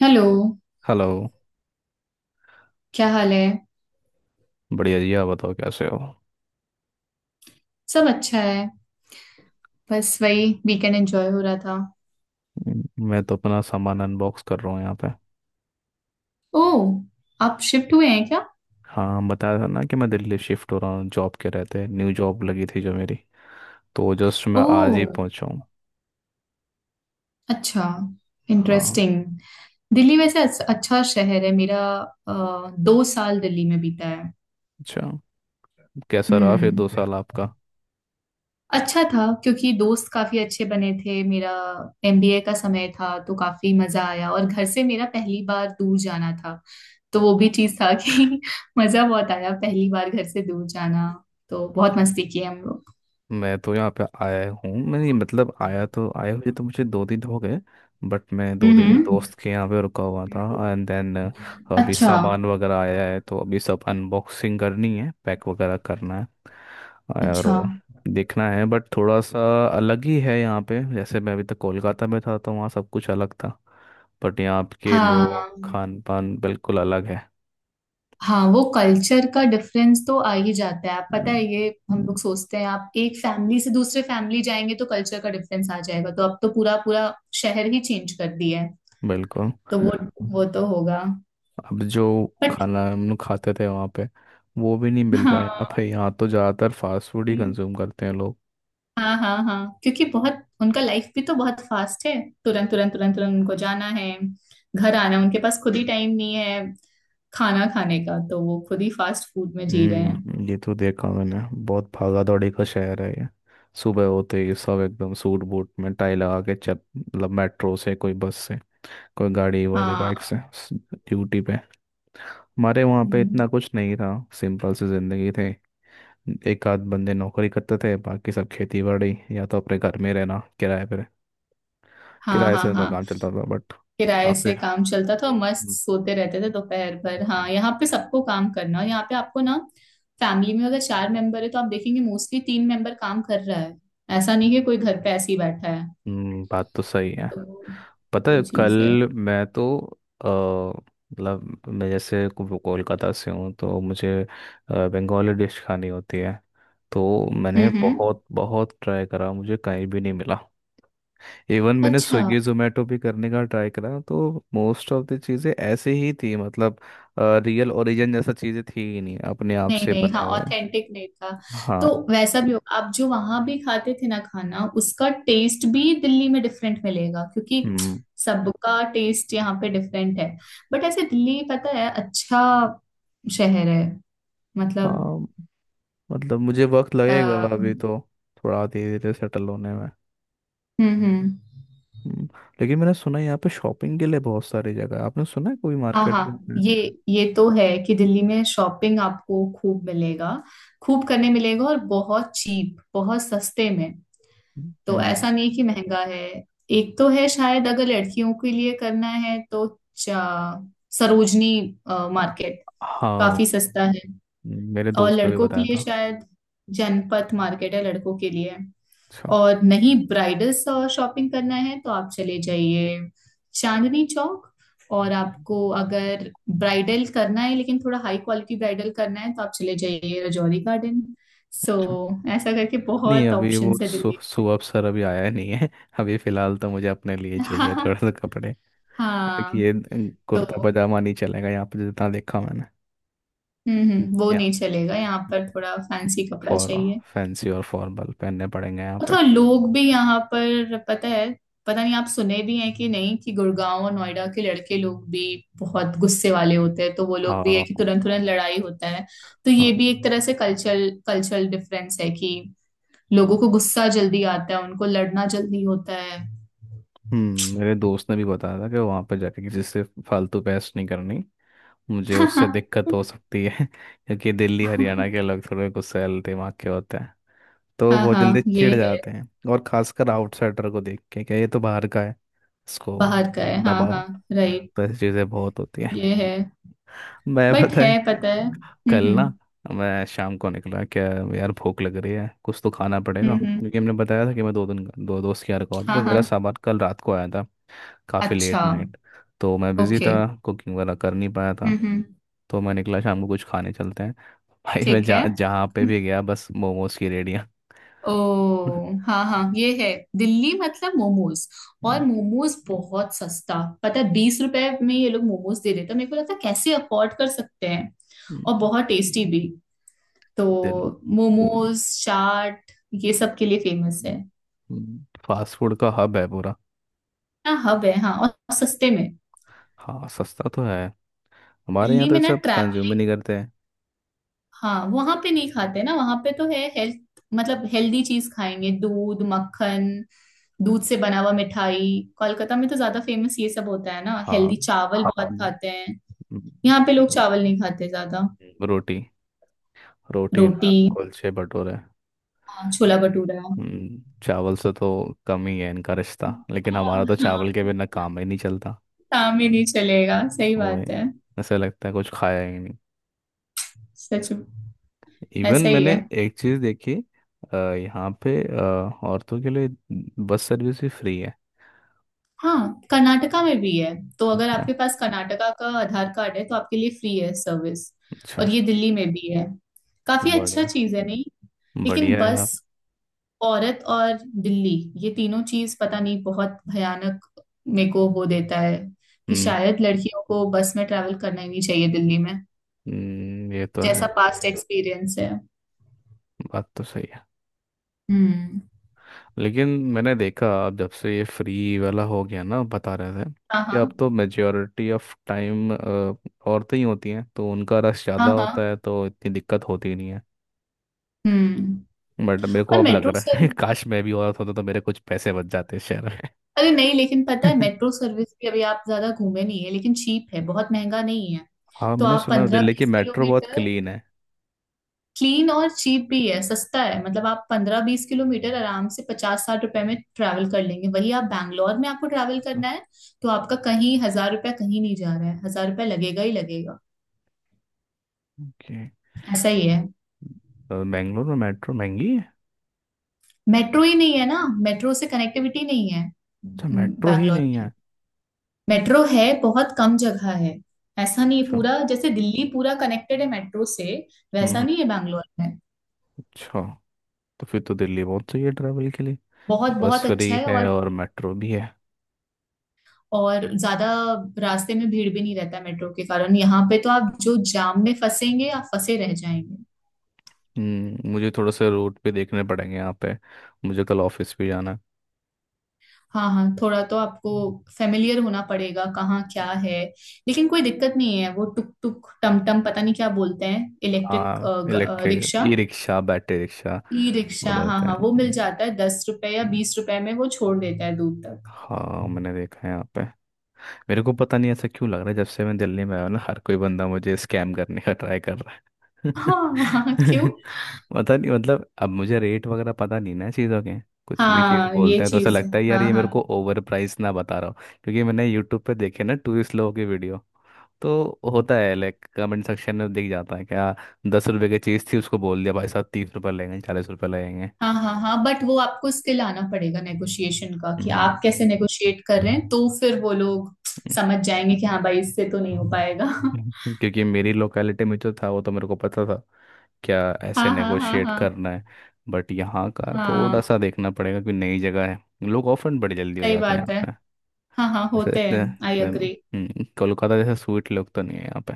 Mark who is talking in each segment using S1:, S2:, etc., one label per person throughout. S1: Hello.
S2: Hello.
S1: क्या हाल है।
S2: बढ़िया जी, आप बताओ कैसे हो।
S1: सब अच्छा है। बस वही वीकेंड एंजॉय हो रहा था।
S2: मैं तो अपना सामान अनबॉक्स कर रहा हूँ यहाँ पे।
S1: ओह, आप शिफ्ट हुए हैं क्या?
S2: हाँ, बताया था ना कि मैं दिल्ली शिफ्ट हो रहा हूँ जॉब के रहते, न्यू जॉब लगी थी जो मेरी। तो जस्ट मैं आज ही
S1: ओह
S2: पहुँचा हूँ।
S1: अच्छा।
S2: हाँ।
S1: इंटरेस्टिंग। दिल्ली वैसे अच्छा शहर है मेरा। अ, 2 साल दिल्ली में बीता है।
S2: अच्छा, कैसा रहा फिर दो
S1: हम्म।
S2: साल आपका।
S1: अच्छा था क्योंकि दोस्त काफी अच्छे बने थे मेरा। एमबीए का समय था तो काफी मजा आया, और घर से मेरा पहली बार दूर जाना था। तो वो भी चीज था कि मजा बहुत आया, पहली बार घर से दूर जाना। तो बहुत मस्ती की हम लोग।
S2: मैं तो यहाँ पे आया हूँ, मैं ये मतलब आया तो आया, हुए तो मुझे 2 दिन हो गए। बट मैं 2 दिन
S1: हम्म।
S2: दोस्त के यहाँ पे रुका हुआ था एंड देन, अभी
S1: अच्छा,
S2: सामान वगैरह आया है तो अभी सब अनबॉक्सिंग करनी है, पैक वगैरह करना है
S1: अच्छा।
S2: और देखना है। बट थोड़ा सा अलग ही है यहाँ पे। जैसे मैं अभी तक कोलकाता में था तो वहाँ सब कुछ अलग था। बट यहाँ के
S1: हाँ
S2: लोग, खान पान बिल्कुल अलग है।
S1: हाँ, वो कल्चर का डिफरेंस तो आ ही जाता है। आप पता
S2: हम्म।
S1: है, ये हम लोग सोचते हैं आप एक फैमिली से दूसरे फैमिली जाएंगे तो कल्चर का डिफरेंस आ जाएगा। तो अब तो पूरा पूरा शहर ही चेंज कर दिया है।
S2: बिल्कुल।
S1: तो वो तो होगा।
S2: अब जो खाना
S1: बट
S2: हम लोग खाते थे वहाँ पे, वो भी नहीं मिल रहा है यहाँ
S1: हाँ
S2: पे। यहाँ तो ज़्यादातर फास्ट फूड ही कंज्यूम करते हैं लोग।
S1: हाँ हाँ हाँ, क्योंकि बहुत उनका लाइफ भी तो बहुत फास्ट है। तुरंत तुरंत तुरंत तुरंत उनको जाना है, घर आना है, उनके पास खुद ही टाइम नहीं है खाना खाने का। तो वो खुद ही फास्ट फूड में जी रहे हैं।
S2: ये तो देखा मैंने। बहुत भागा दौड़ी का शहर है ये। सुबह होते ही सब एकदम सूट बूट में टाई लगा के चल, मतलब मेट्रो से कोई, बस से कोई गाड़ी हुआ, कोई बाइक
S1: हाँ।
S2: से ड्यूटी पे। हमारे वहाँ पे
S1: हम्म,
S2: इतना कुछ नहीं था। सिंपल सी जिंदगी थी। एक आध बंदे नौकरी करते थे, बाकी सब खेती बाड़ी या तो अपने घर में रहना किराए पर।
S1: हाँ
S2: किराए
S1: हाँ
S2: से उनका
S1: हाँ,
S2: काम चलता था, बट
S1: किराए
S2: काफी।
S1: से काम चलता था और मस्त सोते रहते थे दोपहर भर। हाँ,
S2: हम्म।
S1: यहाँ पे सबको काम करना। और यहाँ पे आपको ना, फैमिली में अगर चार मेंबर है तो आप देखेंगे मोस्टली तीन मेंबर काम कर रहा है। ऐसा नहीं है कोई घर पे ऐसे ही बैठा है।
S2: बात तो सही है।
S1: तो
S2: पता
S1: वो
S2: है
S1: चीज है।
S2: कल मैं तो अ, मतलब मैं जैसे कोलकाता से हूँ तो मुझे बंगाली डिश खानी होती है। तो मैंने
S1: हम्म।
S2: बहुत बहुत ट्राई करा, मुझे कहीं भी नहीं मिला। इवन मैंने
S1: अच्छा।
S2: स्विगी जोमेटो भी करने का ट्राई करा, तो मोस्ट ऑफ द चीज़ें ऐसे ही थी, मतलब रियल ओरिजिन जैसा चीज़ें थी ही नहीं, अपने आप
S1: नहीं
S2: से
S1: नहीं,
S2: बनाए
S1: हाँ,
S2: हुए।
S1: ऑथेंटिक नहीं था।
S2: हाँ।
S1: तो वैसा भी होगा, आप जो वहां भी खाते थे ना खाना उसका टेस्ट भी दिल्ली में डिफरेंट मिलेगा, क्योंकि
S2: हम्म।
S1: सबका टेस्ट यहाँ पे डिफरेंट है। बट ऐसे दिल्ली पता है अच्छा शहर है। मतलब
S2: हाँ। मतलब मुझे वक्त
S1: अ,
S2: लगेगा अभी
S1: हम्म
S2: तो, थोड़ा धीरे धीरे सेटल होने में।
S1: हम्म।
S2: हम्म, लेकिन मैंने सुना है यहाँ पे शॉपिंग के लिए बहुत सारी जगह है। आपने सुना है कोई
S1: हाँ
S2: मार्केट यहाँ
S1: हाँ,
S2: पे।
S1: ये तो है कि दिल्ली में शॉपिंग आपको खूब मिलेगा, खूब करने मिलेगा, और बहुत चीप, बहुत सस्ते में। तो
S2: हम्म।
S1: ऐसा नहीं कि महंगा है। एक तो है शायद, अगर लड़कियों के लिए करना है तो चा- सरोजनी मार्केट
S2: हाँ,
S1: काफी सस्ता है।
S2: मेरे
S1: और
S2: दोस्त ने भी
S1: लड़कों के
S2: बताया
S1: लिए
S2: था।
S1: शायद जनपथ मार्केट है लड़कों के लिए।
S2: अच्छा।
S1: और नहीं, ब्राइडल शॉपिंग करना है तो आप चले जाइए चांदनी चौक। और आपको अगर ब्राइडल करना है लेकिन थोड़ा हाई क्वालिटी ब्राइडल करना है, तो आप चले जाइए रजौरी गार्डन। सो,
S2: अच्छा।
S1: ऐसा करके
S2: नहीं
S1: बहुत
S2: अभी वो
S1: ऑप्शंस है दिल्ली।
S2: सुबह सर अभी आया नहीं है अभी फिलहाल तो मुझे अपने लिए चाहिए थोड़ा सा कपड़े
S1: हाँ,
S2: देखिए। कुर्ता
S1: तो
S2: पजामा नहीं चलेगा यहाँ पे जितना देखा मैंने।
S1: वो
S2: या
S1: नहीं चलेगा यहाँ पर, थोड़ा फैंसी कपड़ा
S2: फॉर,
S1: चाहिए।
S2: फैंसी और फॉर्मल पहनने पड़ेंगे यहाँ
S1: और
S2: पे।
S1: थोड़ा लोग भी यहाँ पर पता है, पता नहीं आप सुने भी हैं कि नहीं, कि गुड़गांव और नोएडा के लड़के लोग भी बहुत गुस्से वाले होते हैं, तो वो लोग भी है
S2: हाँ।
S1: कि तुरंत तुरंत लड़ाई होता है। तो
S2: हाँ।
S1: ये भी एक तरह से कल्चरल कल्चरल डिफरेंस है, कि लोगों को गुस्सा जल्दी आता है, उनको लड़ना जल्दी होता है।
S2: मेरे दोस्त ने भी बताया था कि वहाँ पे जाके किसी से फालतू बहस नहीं करनी, मुझे उससे दिक्कत हो सकती है क्योंकि दिल्ली हरियाणा के लोग थोड़े गुस्सैल दिमाग के होते हैं। तो वो
S1: हाँ
S2: बहुत जल्दी
S1: हाँ, ये
S2: चिढ़
S1: है।
S2: जाते हैं। और खासकर आउटसाइडर को देख के कि ये तो बाहर का है, इसको
S1: बाहर का है हाँ
S2: दबाओ।
S1: हाँ। राइट,
S2: तो ऐसी चीज़ें बहुत होती हैं।
S1: ये है।
S2: मैं
S1: बट
S2: पता
S1: है,
S2: है
S1: पता है।
S2: कल
S1: हम्म,
S2: ना, मैं शाम को निकला, क्या यार भूख लग रही है, कुछ तो खाना पड़ेगा,
S1: हम्म हम्म,
S2: क्योंकि हमने बताया था कि मैं दो दिन दो दोस्त के यहाँ रुका हुआ था
S1: हाँ
S2: तो मेरा
S1: हाँ।
S2: सामान कल रात को आया था। काफ़ी
S1: अच्छा,
S2: लेट नाइट, तो मैं बिज़ी
S1: ओके,
S2: था, कुकिंग वगैरह कर नहीं पाया था।
S1: हम्म,
S2: तो मैं निकला शाम को कुछ खाने, चलते हैं। भाई मैं
S1: ठीक है।
S2: जहाँ जहाँ पे भी गया, बस मोमोज की रेडियाँ।
S1: ओ, हाँ हाँ, ये है, दिल्ली मतलब मोमोज।
S2: हम्म,
S1: और मोमोज बहुत सस्ता पता है, 20 रुपए में ये लोग मोमोज दे देते हैं, मेरे को लगता है कैसे अफोर्ड कर सकते हैं। और बहुत टेस्टी भी, तो
S2: दिल
S1: मोमोज, चाट, ये सब के लिए फेमस है।
S2: फास्ट फूड का हब है पूरा।
S1: ना हब है हाँ, और सस्ते में।
S2: हाँ, सस्ता तो है। हमारे
S1: दिल्ली
S2: यहाँ तो
S1: में
S2: ये
S1: ना,
S2: सब कंज्यूम ही नहीं करते हैं।
S1: हाँ, वहां पे नहीं खाते ना, वहां पे तो है हेल्थ, मतलब हेल्दी चीज खाएंगे, दूध, मक्खन, दूध से बना हुआ मिठाई। कोलकाता में तो ज्यादा फेमस ये सब होता है ना,
S2: हाँ।
S1: हेल्दी, चावल बहुत
S2: हम्म।
S1: हाँ खाते हैं।
S2: हम्म।
S1: यहाँ पे लोग चावल नहीं खाते ज्यादा।
S2: रोटी, रोटी नान
S1: रोटी,
S2: कुलचे भटूरे।
S1: हाँ, छोला भटूरा।
S2: चावल से तो कम ही है इनका रिश्ता, लेकिन
S1: हाँ
S2: हमारा तो
S1: हाँ,
S2: चावल के बिना काम ही नहीं चलता।
S1: काम ही नहीं चलेगा, सही
S2: वही,
S1: बात है।
S2: ऐसा लगता है कुछ खाया ही नहीं।
S1: सच,
S2: इवन
S1: ऐसा ही
S2: मैंने
S1: है।
S2: एक चीज़ देखी। यहाँ पे औरतों के लिए बस सर्विस भी फ्री है।
S1: हाँ, कर्नाटका में भी है, तो अगर
S2: अच्छा।
S1: आपके पास कर्नाटका का आधार कार्ड है तो आपके लिए फ्री है सर्विस।
S2: अच्छा।
S1: और ये दिल्ली में भी है। काफी अच्छा
S2: बढ़िया।
S1: चीज है नहीं? लेकिन
S2: बढ़िया है आप।
S1: बस, औरत और बिल्ली, ये तीनों चीज पता नहीं बहुत भयानक मेरे को वो देता है, कि
S2: हम्म।
S1: शायद लड़कियों को बस में ट्रैवल करना ही नहीं चाहिए दिल्ली में।
S2: ये तो है।
S1: जैसा पास्ट एक्सपीरियंस है।
S2: बात तो सही है।
S1: हम्म,
S2: लेकिन मैंने देखा अब जब से ये फ्री वाला हो गया ना, बता रहे थे
S1: हाँ
S2: कि
S1: हाँ
S2: अब तो मेजोरिटी ऑफ टाइम औरतें ही होती हैं तो उनका रश
S1: हाँ
S2: ज़्यादा होता
S1: हाँ,
S2: है, तो इतनी दिक्कत होती नहीं है।
S1: हम्म।
S2: बट मेरे को
S1: और
S2: अब लग
S1: मेट्रो
S2: रहा है
S1: सर्विस,
S2: काश मैं भी औरत होता तो मेरे कुछ पैसे बच जाते शहर।
S1: अरे नहीं, लेकिन पता है
S2: हाँ,
S1: मेट्रो सर्विस भी अभी आप ज्यादा घूमे नहीं है, लेकिन चीप है, बहुत महंगा नहीं है। तो
S2: मैंने
S1: आप
S2: सुना है
S1: पंद्रह
S2: दिल्ली की
S1: बीस
S2: मेट्रो बहुत
S1: किलोमीटर
S2: क्लीन है।
S1: क्लीन और चीप भी है, सस्ता है, मतलब आप 15-20 किलोमीटर आराम से 50-60 रुपए में ट्रैवल कर लेंगे। वही आप बैंगलोर में आपको ट्रैवल करना है, तो आपका कहीं 1000 रुपया, कहीं नहीं जा रहा है, 1000 रुपया लगेगा ही लगेगा।
S2: ओके।
S1: ऐसा ही है।
S2: तो बेंगलोर में मेट्रो महंगी है।
S1: मेट्रो ही नहीं है ना, मेट्रो से कनेक्टिविटी नहीं है।
S2: अच्छा, मेट्रो ही
S1: बैंगलोर
S2: नहीं
S1: में
S2: है।
S1: मेट्रो है बहुत कम जगह है। ऐसा नहीं है
S2: अच्छा।
S1: पूरा जैसे दिल्ली पूरा कनेक्टेड है मेट्रो से।
S2: हम्म।
S1: वैसा
S2: हम्म।
S1: नहीं है बैंगलोर में।
S2: अच्छा। तो फिर तो दिल्ली बहुत सही है ट्रैवल के लिए।
S1: बहुत
S2: बस
S1: बहुत अच्छा
S2: फ्री
S1: है।
S2: है
S1: और
S2: और मेट्रो भी है।
S1: और ज्यादा रास्ते में भीड़ भी नहीं रहता मेट्रो के कारण, यहाँ पे तो आप जो जाम में फंसेंगे आप फंसे रह जाएंगे।
S2: मुझे थोड़ा सा रूट भी देखने पड़ेंगे यहाँ पे। मुझे कल ऑफिस भी जाना है।
S1: हाँ हाँ, थोड़ा तो आपको फेमिलियर होना पड़ेगा कहाँ क्या है। लेकिन कोई दिक्कत नहीं है, वो टुक टुक टम टम पता नहीं क्या बोलते हैं, इलेक्ट्रिक
S2: हाँ, electric
S1: rickshaw,
S2: e rickshaw, battery rickshaw
S1: e rickshaw, हाँ
S2: बोलते
S1: हाँ,
S2: हैं।
S1: वो मिल
S2: हम्म।
S1: जाता है 10 रुपए या 20 रुपए में, वो छोड़ देता है दूर तक।
S2: हाँ, मैंने देखा है यहाँ पे। मेरे को पता नहीं ऐसा क्यों लग रहा है, जब से मैं दिल्ली में आया हूं ना, हर कोई बंदा मुझे स्कैम करने का ट्राई कर रहा है।
S1: हाँ हाँ, क्यों?
S2: पता नहीं, मतलब अब मुझे रेट वगैरह पता नहीं ना चीज़ों के। कुछ भी चीज़
S1: हाँ, ये
S2: बोलते हैं तो ऐसा
S1: चीज है।
S2: लगता है यार,
S1: हाँ
S2: ये मेरे
S1: हाँ
S2: को ओवर प्राइस ना बता रहा हो। क्योंकि मैंने यूट्यूब पे देखे ना टूरिस्ट लोगों के वीडियो, तो होता है लाइक, कमेंट सेक्शन में दिख जाता है क्या, 10 रुपए की चीज़ थी उसको बोल दिया भाई साहब 30 रुपये लगेंगे, 40 रुपये लगेंगे।
S1: हाँ हाँ हाँ, बट वो आपको स्किल आना पड़ेगा नेगोशिएशन का, कि
S2: हम्म।
S1: आप कैसे नेगोशिएट कर रहे हैं, तो फिर वो लोग समझ जाएंगे कि हाँ भाई, इससे तो नहीं हो पाएगा।
S2: हम्म। क्योंकि मेरी लोकेलिटी में जो था वो तो मेरे को पता था क्या, ऐसे
S1: हाँ हाँ हाँ
S2: नेगोशिएट
S1: हाँ
S2: करना है। बट यहाँ का
S1: हाँ,
S2: थोड़ा सा देखना पड़ेगा कि नई जगह है। लोग ऑफर बड़े जल्दी हो
S1: सही
S2: जाते हैं
S1: बात
S2: यहाँ
S1: है।
S2: पे।
S1: हाँ हाँ,
S2: जैसे
S1: होते हैं,
S2: इतने
S1: आई
S2: इसमें,
S1: अग्री।
S2: कोलकाता जैसे स्वीट लोग तो नहीं है यहाँ पे।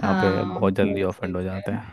S2: यहाँ पे
S1: हाँ,
S2: बहुत
S1: वो
S2: जल्दी ऑफेंड हो
S1: चीज है।
S2: जाते हैं।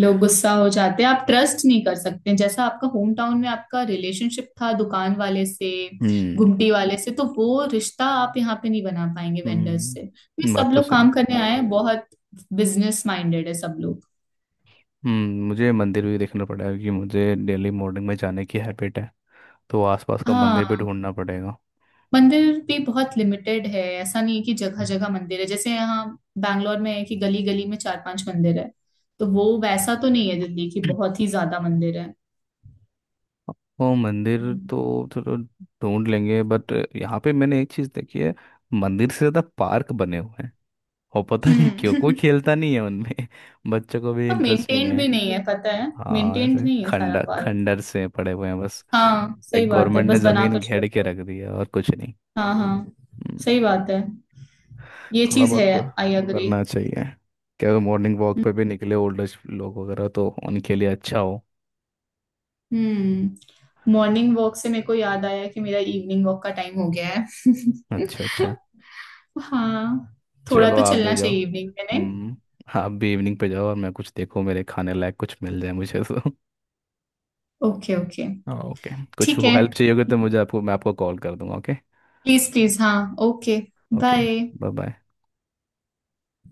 S1: लोग गुस्सा हो जाते हैं, आप ट्रस्ट नहीं कर सकते जैसा आपका होम टाउन में आपका रिलेशनशिप था दुकान वाले से,
S2: हम्म।
S1: घुमटी वाले से। तो वो रिश्ता आप यहाँ पे नहीं बना पाएंगे वेंडर्स से, ये
S2: हम्म।
S1: सब
S2: बात तो
S1: लोग
S2: सही।
S1: काम करने आए हैं, बहुत बिजनेस माइंडेड है सब लोग।
S2: मुझे मंदिर भी देखना पड़ेगा क्योंकि मुझे डेली मॉर्निंग में जाने की हैबिट है। तो आसपास का
S1: हाँ,
S2: मंदिर भी ढूंढना पड़ेगा।
S1: मंदिर भी बहुत लिमिटेड है, ऐसा नहीं है कि जगह जगह मंदिर है, जैसे यहाँ बैंगलोर में है कि गली गली में चार पांच मंदिर है। तो वो वैसा तो नहीं है दिल्ली की, बहुत ही ज्यादा मंदिर है।
S2: वो मंदिर तो चलो ढूंढ लेंगे, बट यहाँ पे मैंने एक चीज देखी है। मंदिर से ज्यादा पार्क बने हुए हैं, और पता नहीं क्यों कोई
S1: हम्म
S2: खेलता नहीं है उनमें। बच्चों को भी
S1: और
S2: इंटरेस्ट नहीं
S1: मेंटेन्ड
S2: है।
S1: भी नहीं है पता है,
S2: हाँ,
S1: मेंटेन्ड
S2: ऐसे
S1: नहीं है सारा
S2: खंडर
S1: पार्क।
S2: खंडर से पड़े हुए हैं बस।
S1: हाँ, सही
S2: लाइक
S1: बात है,
S2: गवर्नमेंट ने
S1: बस बनाकर
S2: जमीन
S1: छोड़
S2: घेर के
S1: दो।
S2: रख दी है और कुछ नहीं।
S1: हाँ हाँ,
S2: हम्म,
S1: सही बात है, ये
S2: थोड़ा
S1: चीज
S2: बहुत
S1: है,
S2: को
S1: आई अग्री।
S2: करना चाहिए। क्या मॉर्निंग वॉक पे भी निकले ओल्ड एज लोग वगैरह, तो उनके लिए अच्छा हो।
S1: हम्म, मॉर्निंग वॉक से मेरे को याद आया कि मेरा इवनिंग वॉक का टाइम हो गया है।
S2: अच्छा, अच्छा।
S1: हाँ, थोड़ा
S2: चलो
S1: तो
S2: आप भी
S1: चलना
S2: जाओ।
S1: चाहिए इवनिंग में, नहीं?
S2: हम्म। आप भी इवनिंग पे जाओ, और मैं कुछ देखो मेरे खाने लायक कुछ मिल जाए मुझे तो।
S1: Okay okay,
S2: okay. कुछ
S1: ठीक है।
S2: हेल्प चाहिए होगी तो मुझे आपको मैं आपको कॉल कर दूंगा, ओके।
S1: प्लीज प्लीज, हाँ, okay,
S2: okay.
S1: Bye.
S2: Bye bye.